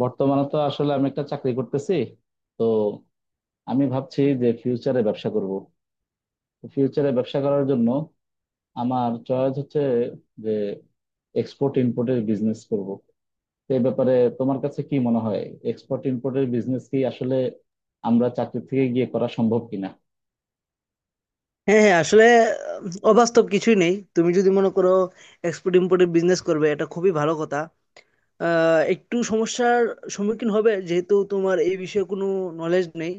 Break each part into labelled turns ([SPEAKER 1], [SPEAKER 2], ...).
[SPEAKER 1] বর্তমানে তো আসলে আমি একটা চাকরি করতেছি। তো আমি ভাবছি যে ফিউচারে ব্যবসা করব। ফিউচারে ব্যবসা করার জন্য আমার চয়েস হচ্ছে যে এক্সপোর্ট ইম্পোর্টের বিজনেস করব। তো এই ব্যাপারে তোমার কাছে কি মনে হয়, এক্সপোর্ট ইম্পোর্টের বিজনেস কি আসলে আমরা চাকরি থেকে গিয়ে করা সম্ভব কিনা?
[SPEAKER 2] হ্যাঁ, হ্যাঁ, আসলে আহ, অবাস্তব কিছুই নেই। তুমি যদি মনে করো এক্সপোর্ট ইম্পোর্টের বিজনেস করবে, এটা খুবই ভালো কথা। একটু সমস্যার সম্মুখীন হবে যেহেতু তোমার এই বিষয়ে কোনো নলেজ নেই,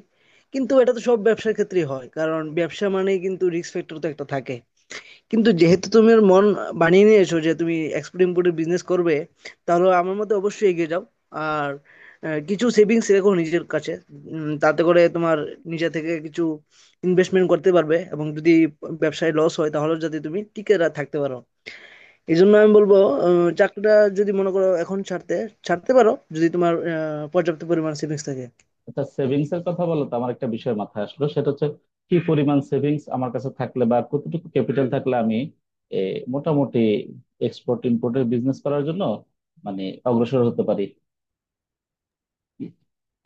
[SPEAKER 2] কিন্তু এটা তো সব ব্যবসার ক্ষেত্রেই হয়। কারণ ব্যবসা মানে কিন্তু রিস্ক ফ্যাক্টর তো একটা থাকে। কিন্তু যেহেতু তুমি ওর মন বানিয়ে নিয়েছো যে তুমি এক্সপোর্ট ইমপোর্টের বিজনেস করবে, তাহলে আমার মতে অবশ্যই এগিয়ে যাও। আর কিছু সেভিংস রেখো নিজের কাছে। তাতে করে তোমার নিজে থেকে কিছু ইনভেস্টমেন্ট করতে পারবে, এবং যদি ব্যবসায় লস হয় তাহলে যাতে তুমি টিকে থাকতে পারো। এই জন্য আমি বলবো, চাকরিটা যদি মনে করো এখন ছাড়তে ছাড়তে পারো, যদি তোমার পর্যাপ্ত পরিমাণ সেভিংস থাকে।
[SPEAKER 1] আচ্ছা, সেভিংস এর কথা বলো তো, আমার একটা বিষয় মাথায় আসলো, সেটা হচ্ছে কি পরিমাণ সেভিংস আমার কাছে থাকলে বা কতটুকু ক্যাপিটাল থাকলে আমি এ, মোটামুটি এক্সপোর্ট ইমপোর্টের বিজনেস করার জন্য মানে অগ্রসর হতে পারি।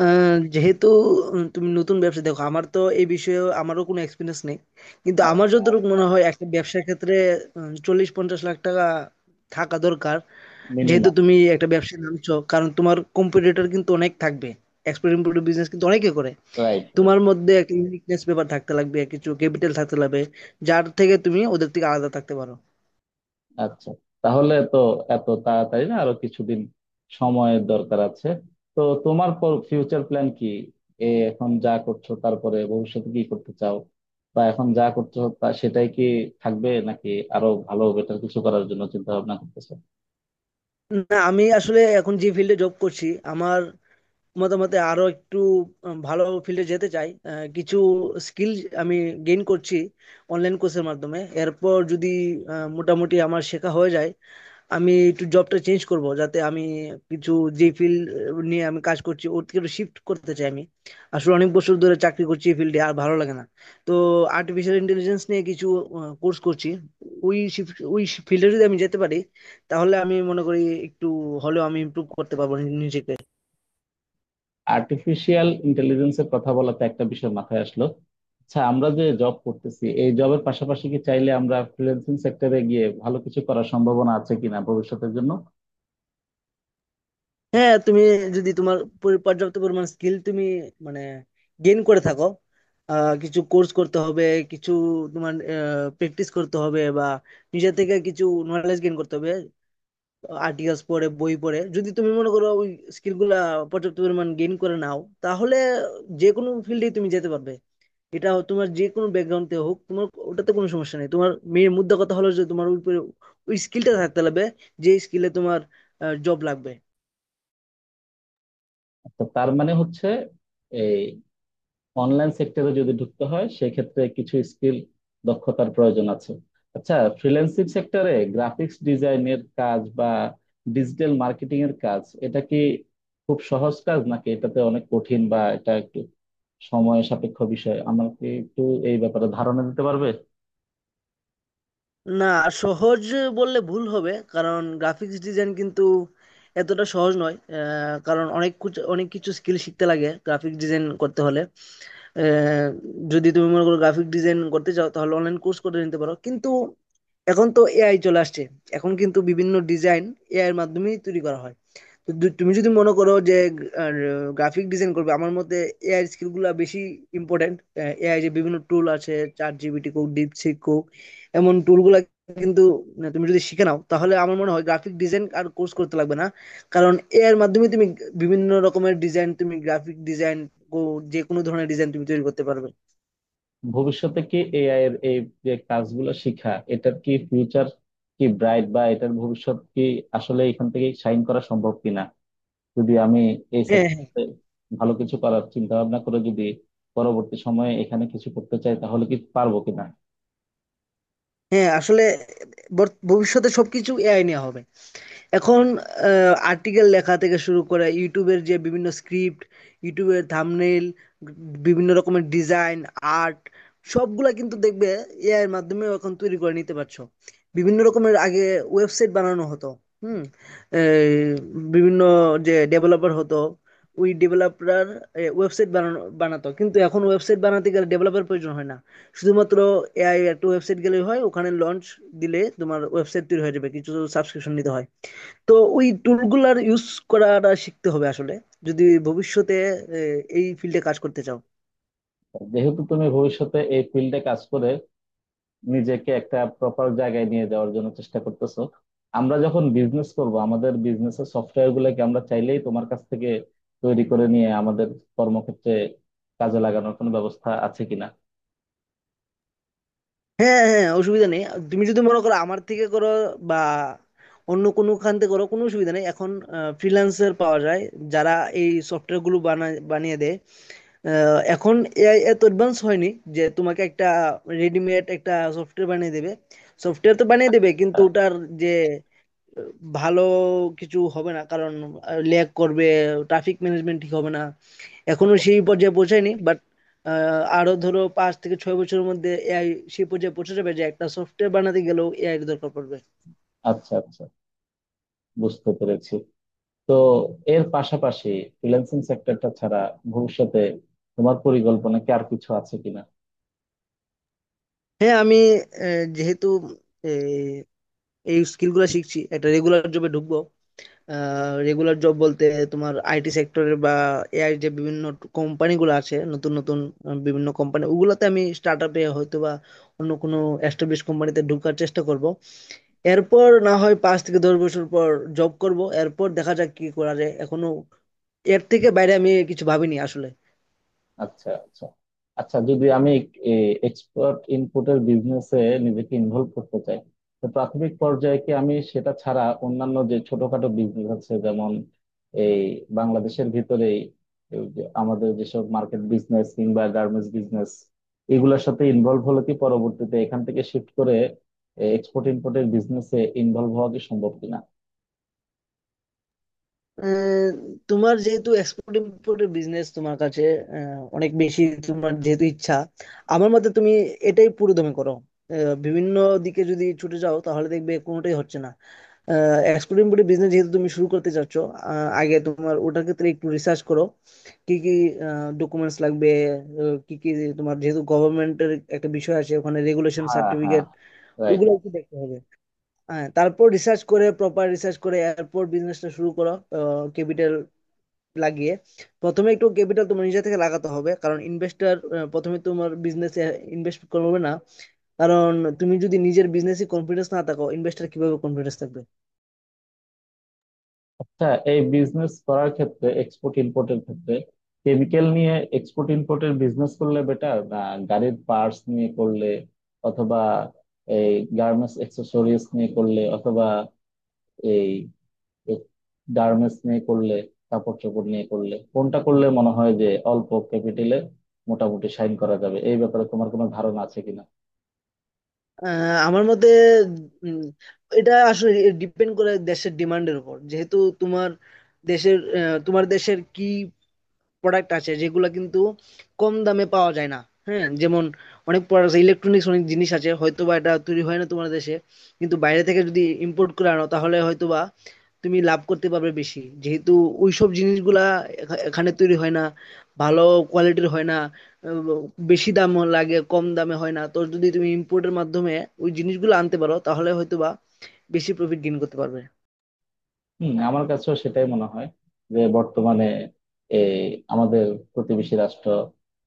[SPEAKER 2] যেহেতু তুমি নতুন ব্যবসা দেখো, আমার তো এই বিষয়ে আমারও কোনো এক্সপিরিয়েন্স নেই, কিন্তু
[SPEAKER 1] আর
[SPEAKER 2] আমার যতটুকু মনে হয় একটা ব্যবসার ক্ষেত্রে 40-50 লাখ টাকা থাকা দরকার। যেহেতু
[SPEAKER 1] মিনিমাম।
[SPEAKER 2] তুমি একটা ব্যবসায় নামছো, কারণ তোমার কম্পিটিটর কিন্তু অনেক থাকবে। এক্সপোর্ট ইমপোর্ট বিজনেস কিন্তু অনেকে করে।
[SPEAKER 1] রাইট।
[SPEAKER 2] তোমার মধ্যে একটা ইউনিকনেস ব্যাপার থাকতে লাগবে, কিছু ক্যাপিটাল থাকতে লাগবে, যার থেকে তুমি ওদের থেকে আলাদা থাকতে পারো।
[SPEAKER 1] আচ্ছা, তাহলে তো এত তাড়াতাড়ি না, আরো কিছুদিন সময়ের দরকার আছে। তো তোমার ফিউচার প্ল্যান কি? এ এখন যা করছো তারপরে ভবিষ্যতে কি করতে চাও, বা এখন যা করছো তা সেটাই কি থাকবে, নাকি আরো ভালো বেটার কিছু করার জন্য চিন্তা ভাবনা করতেছো?
[SPEAKER 2] না, আমি আসলে এখন যে ফিল্ডে জব করছি, আমার মতামতে আরো একটু ভালো ফিল্ডে যেতে চাই। কিছু স্কিল আমি গেইন করছি অনলাইন কোর্সের মাধ্যমে। এরপর যদি মোটামুটি আমার শেখা হয়ে যায়, আমি একটু জবটা চেঞ্জ করব, যাতে আমি কিছু যে ফিল্ড নিয়ে আমি কাজ করছি ওর থেকে একটু শিফট করতে চাই। আমি আসলে অনেক বছর ধরে চাকরি করছি এই ফিল্ডে, আর ভালো লাগে না। তো আর্টিফিশিয়াল ইন্টেলিজেন্স নিয়ে কিছু কোর্স করছি। ওই ফিল্ডে যদি আমি যেতে পারি, তাহলে আমি মনে করি একটু হলেও আমি ইমপ্রুভ করতে পারবো নিজেকে।
[SPEAKER 1] আর্টিফিশিয়াল ইন্টেলিজেন্সের কথা বলাতে একটা বিষয় মাথায় আসলো। আচ্ছা, আমরা যে জব করতেছি এই জবের পাশাপাশি কি চাইলে আমরা ফ্রিল্যান্সিং সেক্টরে গিয়ে ভালো কিছু করার সম্ভাবনা আছে কিনা ভবিষ্যতের জন্য?
[SPEAKER 2] হ্যাঁ, তুমি যদি তোমার পর্যাপ্ত পরিমাণ স্কিল তুমি মানে গেইন করে থাকো। কিছু কোর্স করতে হবে, কিছু তোমার প্র্যাকটিস করতে হবে, বা নিজে থেকে কিছু নলেজ গেইন করতে হবে। আর্টিকেলস পড়ে, বই পড়ে, যদি তুমি মনে করো ওই স্কিলগুলা পর্যাপ্ত পরিমাণ গেইন করে নাও, তাহলে যে কোনো ফিল্ডে তুমি যেতে পারবে। এটা তোমার যে কোনো ব্যাকগ্রাউন্ডে হোক তোমার ওটাতে কোনো সমস্যা নেই। তোমার মেয়ের মুদ্রা কথা হলো যে তোমার ওই স্কিলটা থাকতে লাগবে, যে স্কিলে তোমার জব লাগবে।
[SPEAKER 1] আচ্ছা, তার মানে হচ্ছে অনলাইন সেক্টরে যদি ঢুকতে হয় সেক্ষেত্রে কিছু স্কিল, দক্ষতার প্রয়োজন আছে। আচ্ছা, ফ্রিল্যান্সিং সেক্টরে গ্রাফিক্স ডিজাইনের কাজ বা ডিজিটাল মার্কেটিং এর কাজ এটা কি খুব সহজ কাজ, নাকি এটাতে অনেক কঠিন বা এটা একটু সময় সাপেক্ষ বিষয়? আমাকে একটু এই ব্যাপারে ধারণা দিতে পারবে?
[SPEAKER 2] না, সহজ বললে ভুল হবে, কারণ গ্রাফিক্স ডিজাইন কিন্তু এতটা সহজ নয়। কারণ অনেক কিছু অনেক কিছু স্কিল শিখতে লাগে গ্রাফিক ডিজাইন করতে হলে। আহ, যদি তুমি মনে করো গ্রাফিক ডিজাইন করতে চাও, তাহলে অনলাইন কোর্স করে নিতে পারো, কিন্তু এখন তো এআই চলে আসছে। এখন কিন্তু বিভিন্ন ডিজাইন এআই এর মাধ্যমেই তৈরি করা হয়। তো তুমি যদি মনে করো যে গ্রাফিক ডিজাইন করবে, আমার মতে এআই স্কিলগুলো বেশি ইম্পর্টেন্ট। এআই যে বিভিন্ন টুল আছে, চ্যাট জিপিটি কোক, ডিপসিক কোক, এমন টুলগুলো কিন্তু না, তুমি যদি শিখে নাও তাহলে আমার মনে হয় গ্রাফিক ডিজাইন আর কোর্স করতে লাগবে না। কারণ এআই এর মাধ্যমে তুমি বিভিন্ন রকমের ডিজাইন, তুমি গ্রাফিক ডিজাইন, যে কোনো ধরনের ডিজাইন তুমি তৈরি করতে পারবে।
[SPEAKER 1] ভবিষ্যতে কি এআই এর এই যে কাজগুলো শিখা, এটার কি ফিউচার, কি ব্রাইট বা এটার ভবিষ্যৎ কি? আসলে এখান থেকে শাইন করা সম্ভব কিনা যদি আমি এই
[SPEAKER 2] হ্যাঁ, হ্যাঁ,
[SPEAKER 1] সেক্টরে ভালো কিছু করার চিন্তা ভাবনা করে যদি পরবর্তী সময়ে এখানে কিছু করতে চাই, তাহলে কি পারবো কিনা?
[SPEAKER 2] হ্যাঁ, আসলে ভবিষ্যতে সবকিছু এআই নেওয়া হবে। এখন আর্টিকেল লেখা থেকে শুরু করে ইউটিউবের যে বিভিন্ন স্ক্রিপ্ট, ইউটিউবের থাম্বনেল, বিভিন্ন রকমের ডিজাইন, আর্ট, সবগুলা কিন্তু দেখবে এআই এর মাধ্যমে এখন তৈরি করে নিতে পারছো। বিভিন্ন রকমের আগে ওয়েবসাইট বানানো হতো। হুম। এই বিভিন্ন যে ডেভেলপার হতো, ওই ডেভেলপার ওয়েবসাইট বানানো বানাতো, কিন্তু এখন ওয়েবসাইট বানাতে গেলে ডেভেলপার প্রয়োজন হয় না। শুধুমাত্র এআই একটা ওয়েবসাইট গেলেই হয়, ওখানে লঞ্চ দিলে তোমার ওয়েবসাইট তৈরি হয়ে যাবে। কিছু সাবস্ক্রিপশন নিতে হয়। তো ওই টুলগুলার ইউজ করাটা শিখতে হবে আসলে, যদি ভবিষ্যতে এই ফিল্ডে কাজ করতে চাও।
[SPEAKER 1] যেহেতু তুমি ভবিষ্যতে এই ফিল্ডে কাজ করে নিজেকে একটা প্রপার জায়গায় নিয়ে যাওয়ার জন্য চেষ্টা করতেছো, আমরা যখন বিজনেস করব আমাদের বিজনেসের সফটওয়্যার গুলোকে আমরা চাইলেই তোমার কাছ থেকে তৈরি করে নিয়ে আমাদের কর্মক্ষেত্রে কাজে লাগানোর কোনো ব্যবস্থা আছে কিনা?
[SPEAKER 2] হ্যাঁ, হ্যাঁ, অসুবিধা নেই। আর তুমি যদি মনে করো আমার থেকে করো, বা অন্য কোনো খান থেকে করো, কোনো অসুবিধা নেই। এখন ফ্রিল্যান্সার পাওয়া যায় যারা এই সফটওয়্যার গুলো বানায়, বানিয়ে দেয়। এখন এআই এত অ্যাডভান্স হয়নি যে তোমাকে একটা রেডিমেড একটা সফটওয়্যার বানিয়ে দেবে। সফটওয়্যার তো বানিয়ে দেবে, কিন্তু
[SPEAKER 1] আহ,
[SPEAKER 2] ওটার যে ভালো কিছু হবে না, কারণ ল্যাগ করবে, ট্রাফিক ম্যানেজমেন্ট ঠিক হবে না। এখনো সেই পর্যায়ে পৌঁছায়নি, বাট আরো ধরো 5 থেকে 6 বছরের মধ্যে এআই সেই পর্যায়ে পৌঁছে যাবে যে একটা সফটওয়্যার বানাতে গেলেও এআই এর দরকার পড়বে।
[SPEAKER 1] আচ্ছা, আচ্ছা, বুঝতে পেরেছি। তো এর পাশাপাশি ফ্রিল্যান্সিং সেক্টরটা ছাড়া ভবিষ্যতে তোমার পরিকল্পনা কি আর কিছু আছে কিনা?
[SPEAKER 2] হ্যাঁ, আমি যেহেতু আহ, এই স্কিল গুলা শিখছি, একটা রেগুলার জবে ঢুকবো। রেগুলার জব বলতে তোমার আইটি সেক্টরে, বা এআই যে বিভিন্ন কোম্পানিগুলো আছে নতুন নতুন বিভিন্ন কোম্পানি, ওগুলোতে আমি স্টার্ট আপে হয়তো বা অন্য কোনো এস্টাবলিশ কোম্পানিতে ঢোকার চেষ্টা করব। এরপর না হয় 5 থেকে 10 বছর পর জব করব, এরপর দেখা যাক কি করা যায়। এখনো এর থেকে বাইরে আমি কিছু ভাবিনি আসলে।
[SPEAKER 1] আচ্ছা, আচ্ছা। আচ্ছা, যদি আমি এক্সপার্ট ইনপুটের বিজনেসে নিজেকে ইনভলভ করতে চাই, তো প্রাথমিক পর্যায়ে কি আমি সেটা ছাড়া অন্যান্য যে ছোটখাটো বিজনেস আছে, যেমন এই বাংলাদেশের ভিতরেই এই যে আমাদের যেসব মার্কেট বিজনেস কিংবা গার্মেন্টস বিজনেস, এগুলোর সাথে ইনভলভ হলে কি পরবর্তীতে এখান থেকে শিফট করে এক্সপোর্ট ইম্পোর্টের বিজনেসে ইনভলভ হওয়া কি সম্ভব কিনা?
[SPEAKER 2] আহ, তোমার যেহেতু এক্সপোর্ট ইমপোর্টের বিজনেস তোমার কাছে অনেক বেশি, তোমার যেহেতু ইচ্ছা, আমার মতে তুমি এটাই পুরো দমে করো। বিভিন্ন দিকে যদি ছুটে যাও তাহলে দেখবে কোনোটাই হচ্ছে না। এক্সপোর্ট ইমপোর্টের বিজনেস যেহেতু তুমি শুরু করতে চাচ্ছ, আগে তোমার ওটার ক্ষেত্রে একটু রিসার্চ করো। কি কি ডকুমেন্টস লাগবে, কি কি তোমার, যেহেতু গভর্নমেন্টের একটা বিষয় আছে ওখানে, রেগুলেশন,
[SPEAKER 1] হ্যাঁ, হ্যাঁ।
[SPEAKER 2] Certificate,
[SPEAKER 1] right.
[SPEAKER 2] ওইগুলো একটু দেখতে হবে। হ্যাঁ, তারপর রিসার্চ করে প্রপার রিসার্চ করে এয়ারপোর্ট বিজনেসটা শুরু করো। ক্যাপিটাল লাগিয়ে, প্রথমে একটু ক্যাপিটাল তোমার নিজে থেকে লাগাতে হবে, কারণ ইনভেস্টর প্রথমে তোমার বিজনেসে ইনভেস্ট করবে না। কারণ তুমি যদি নিজের বিজনেসে কনফিডেন্স না থাকো, ইনভেস্টর কিভাবে কনফিডেন্স থাকবে।
[SPEAKER 1] আচ্ছা, এই বিজনেস করার ক্ষেত্রে, এক্সপোর্ট ইম্পোর্টের ক্ষেত্রে, কেমিক্যাল নিয়ে এক্সপোর্ট ইম্পোর্টের বিজনেস করলে বেটার, না গাড়ির পার্টস নিয়ে করলে, অথবা এই গার্মেন্টস অ্যাক্সেসরিজ নিয়ে করলে, অথবা এই গার্মেন্টস নিয়ে করলে, কাপড় চোপড় নিয়ে করলে, কোনটা করলে মনে হয় যে অল্প ক্যাপিটালে মোটামুটি সাইন করা যাবে? এই ব্যাপারে তোমার কোনো ধারণা আছে কিনা?
[SPEAKER 2] আমার মতে উম, এটা আসলে ডিপেন্ড করে দেশের ডিমান্ডের উপর। যেহেতু তোমার দেশের তোমার দেশের কি প্রোডাক্ট আছে যেগুলো কিন্তু কম দামে পাওয়া যায় না। হ্যাঁ, যেমন অনেক প্রোডাক্ট ইলেকট্রনিক্স অনেক জিনিস আছে হয়তোবা এটা তৈরি হয় না তোমার দেশে, কিন্তু বাইরে থেকে যদি ইম্পোর্ট করে আনো তাহলে হয়তোবা তুমি লাভ করতে পারবে বেশি। যেহেতু ওইসব জিনিসগুলা এখানে তৈরি হয় না, ভালো কোয়ালিটির হয় না, আহ, বেশি দাম লাগে, কম দামে হয় না। তো যদি তুমি ইম্পোর্টের মাধ্যমে ওই জিনিসগুলো আনতে পারো, তাহলে হয়তো বা বেশি প্রফিট গেইন করতে পারবে।
[SPEAKER 1] হম, আমার কাছেও সেটাই মনে হয় যে বর্তমানে এই আমাদের প্রতিবেশী রাষ্ট্র,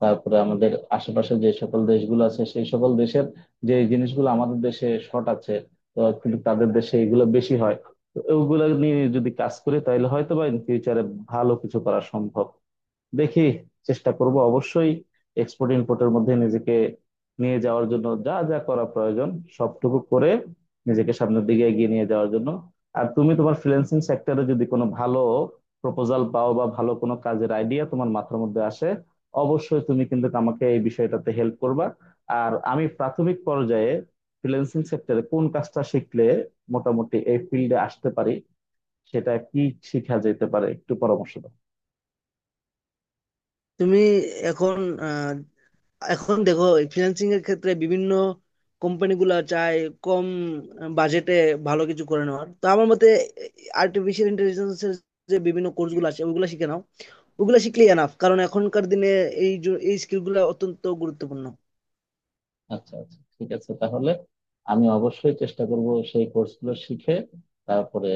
[SPEAKER 1] তারপরে আমাদের আশেপাশে যে সকল দেশগুলো আছে, সেই সকল দেশের যে জিনিসগুলো আমাদের দেশে শর্ট আছে, তো কিন্তু তাদের দেশে এগুলো বেশি হয়, তো ওগুলো নিয়ে যদি কাজ করি তাহলে হয়তো বা ইন ফিউচারে ভালো কিছু করা সম্ভব। দেখি, চেষ্টা করব অবশ্যই এক্সপোর্ট ইমপোর্টের মধ্যে নিজেকে নিয়ে যাওয়ার জন্য যা যা করা প্রয়োজন সবটুকু করে নিজেকে সামনের দিকে এগিয়ে নিয়ে যাওয়ার জন্য। আর তুমি তোমার ফ্রিল্যান্সিং সেক্টরে যদি কোনো ভালো প্রপোজাল পাও বা ভালো কোনো কাজের আইডিয়া তোমার মাথার মধ্যে আসে, অবশ্যই তুমি কিন্তু আমাকে এই বিষয়টাতে হেল্প করবা। আর আমি প্রাথমিক পর্যায়ে ফ্রিল্যান্সিং সেক্টরে কোন কাজটা শিখলে মোটামুটি এই ফিল্ডে আসতে পারি, সেটা কি শিখা যেতে পারে, একটু পরামর্শ দাও।
[SPEAKER 2] তুমি এখন আহ, এখন দেখো, ফ্রিল্যান্সিং এর ক্ষেত্রে বিভিন্ন কোম্পানিগুলো চায় কম বাজেটে ভালো কিছু করে নেওয়ার। তো আমার মতে আর্টিফিশিয়াল ইন্টেলিজেন্সের যে বিভিন্ন কোর্সগুলো আছে ওইগুলো শিখে নাও। ওগুলা শিখলেই এনাফ, কারণ এখনকার দিনে এই স্কিল গুলা অত্যন্ত গুরুত্বপূর্ণ।
[SPEAKER 1] আচ্ছা, আচ্ছা, ঠিক আছে। তাহলে আমি অবশ্যই চেষ্টা করব সেই কোর্সগুলো শিখে, তারপরে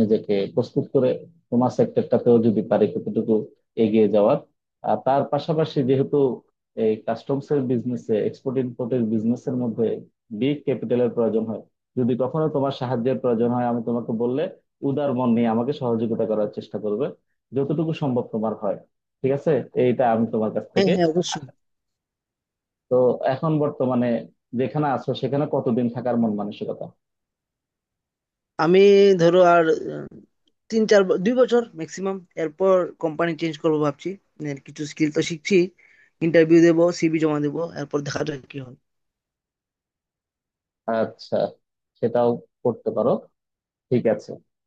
[SPEAKER 1] নিজেকে প্রস্তুত করে তোমার সেক্টরটাতেও যদি পারি কতটুকু এগিয়ে যাওয়ার। আর তার পাশাপাশি যেহেতু এই কাস্টমস এর বিজনেসে, এক্সপোর্ট ইমপোর্টের বিজনেসের মধ্যে বিগ ক্যাপিটালের প্রয়োজন হয়, যদি কখনো তোমার সাহায্যের প্রয়োজন হয় আমি তোমাকে বললে উদার মন নিয়ে আমাকে সহযোগিতা করার চেষ্টা করবে যতটুকু সম্ভব তোমার হয়। ঠিক আছে? এইটা আমি তোমার কাছ
[SPEAKER 2] হ্যাঁ,
[SPEAKER 1] থেকে।
[SPEAKER 2] হ্যাঁ, অবশ্যই।
[SPEAKER 1] তো এখন বর্তমানে যেখানে আছো সেখানে কতদিন থাকার মন মানসিকতা?
[SPEAKER 2] আমি ধরো আর আহ, 2 বছর ম্যাক্সিমাম। এরপর কোম্পানি চেঞ্জ করবো ভাবছি। এর কিছু স্কিল তো শিখছি। ইন্টারভিউ দেবো, সিভি জমা দেবো, এরপর দেখা যাক কি হয়।
[SPEAKER 1] আচ্ছা, সেটাও করতে পারো। ঠিক আছে।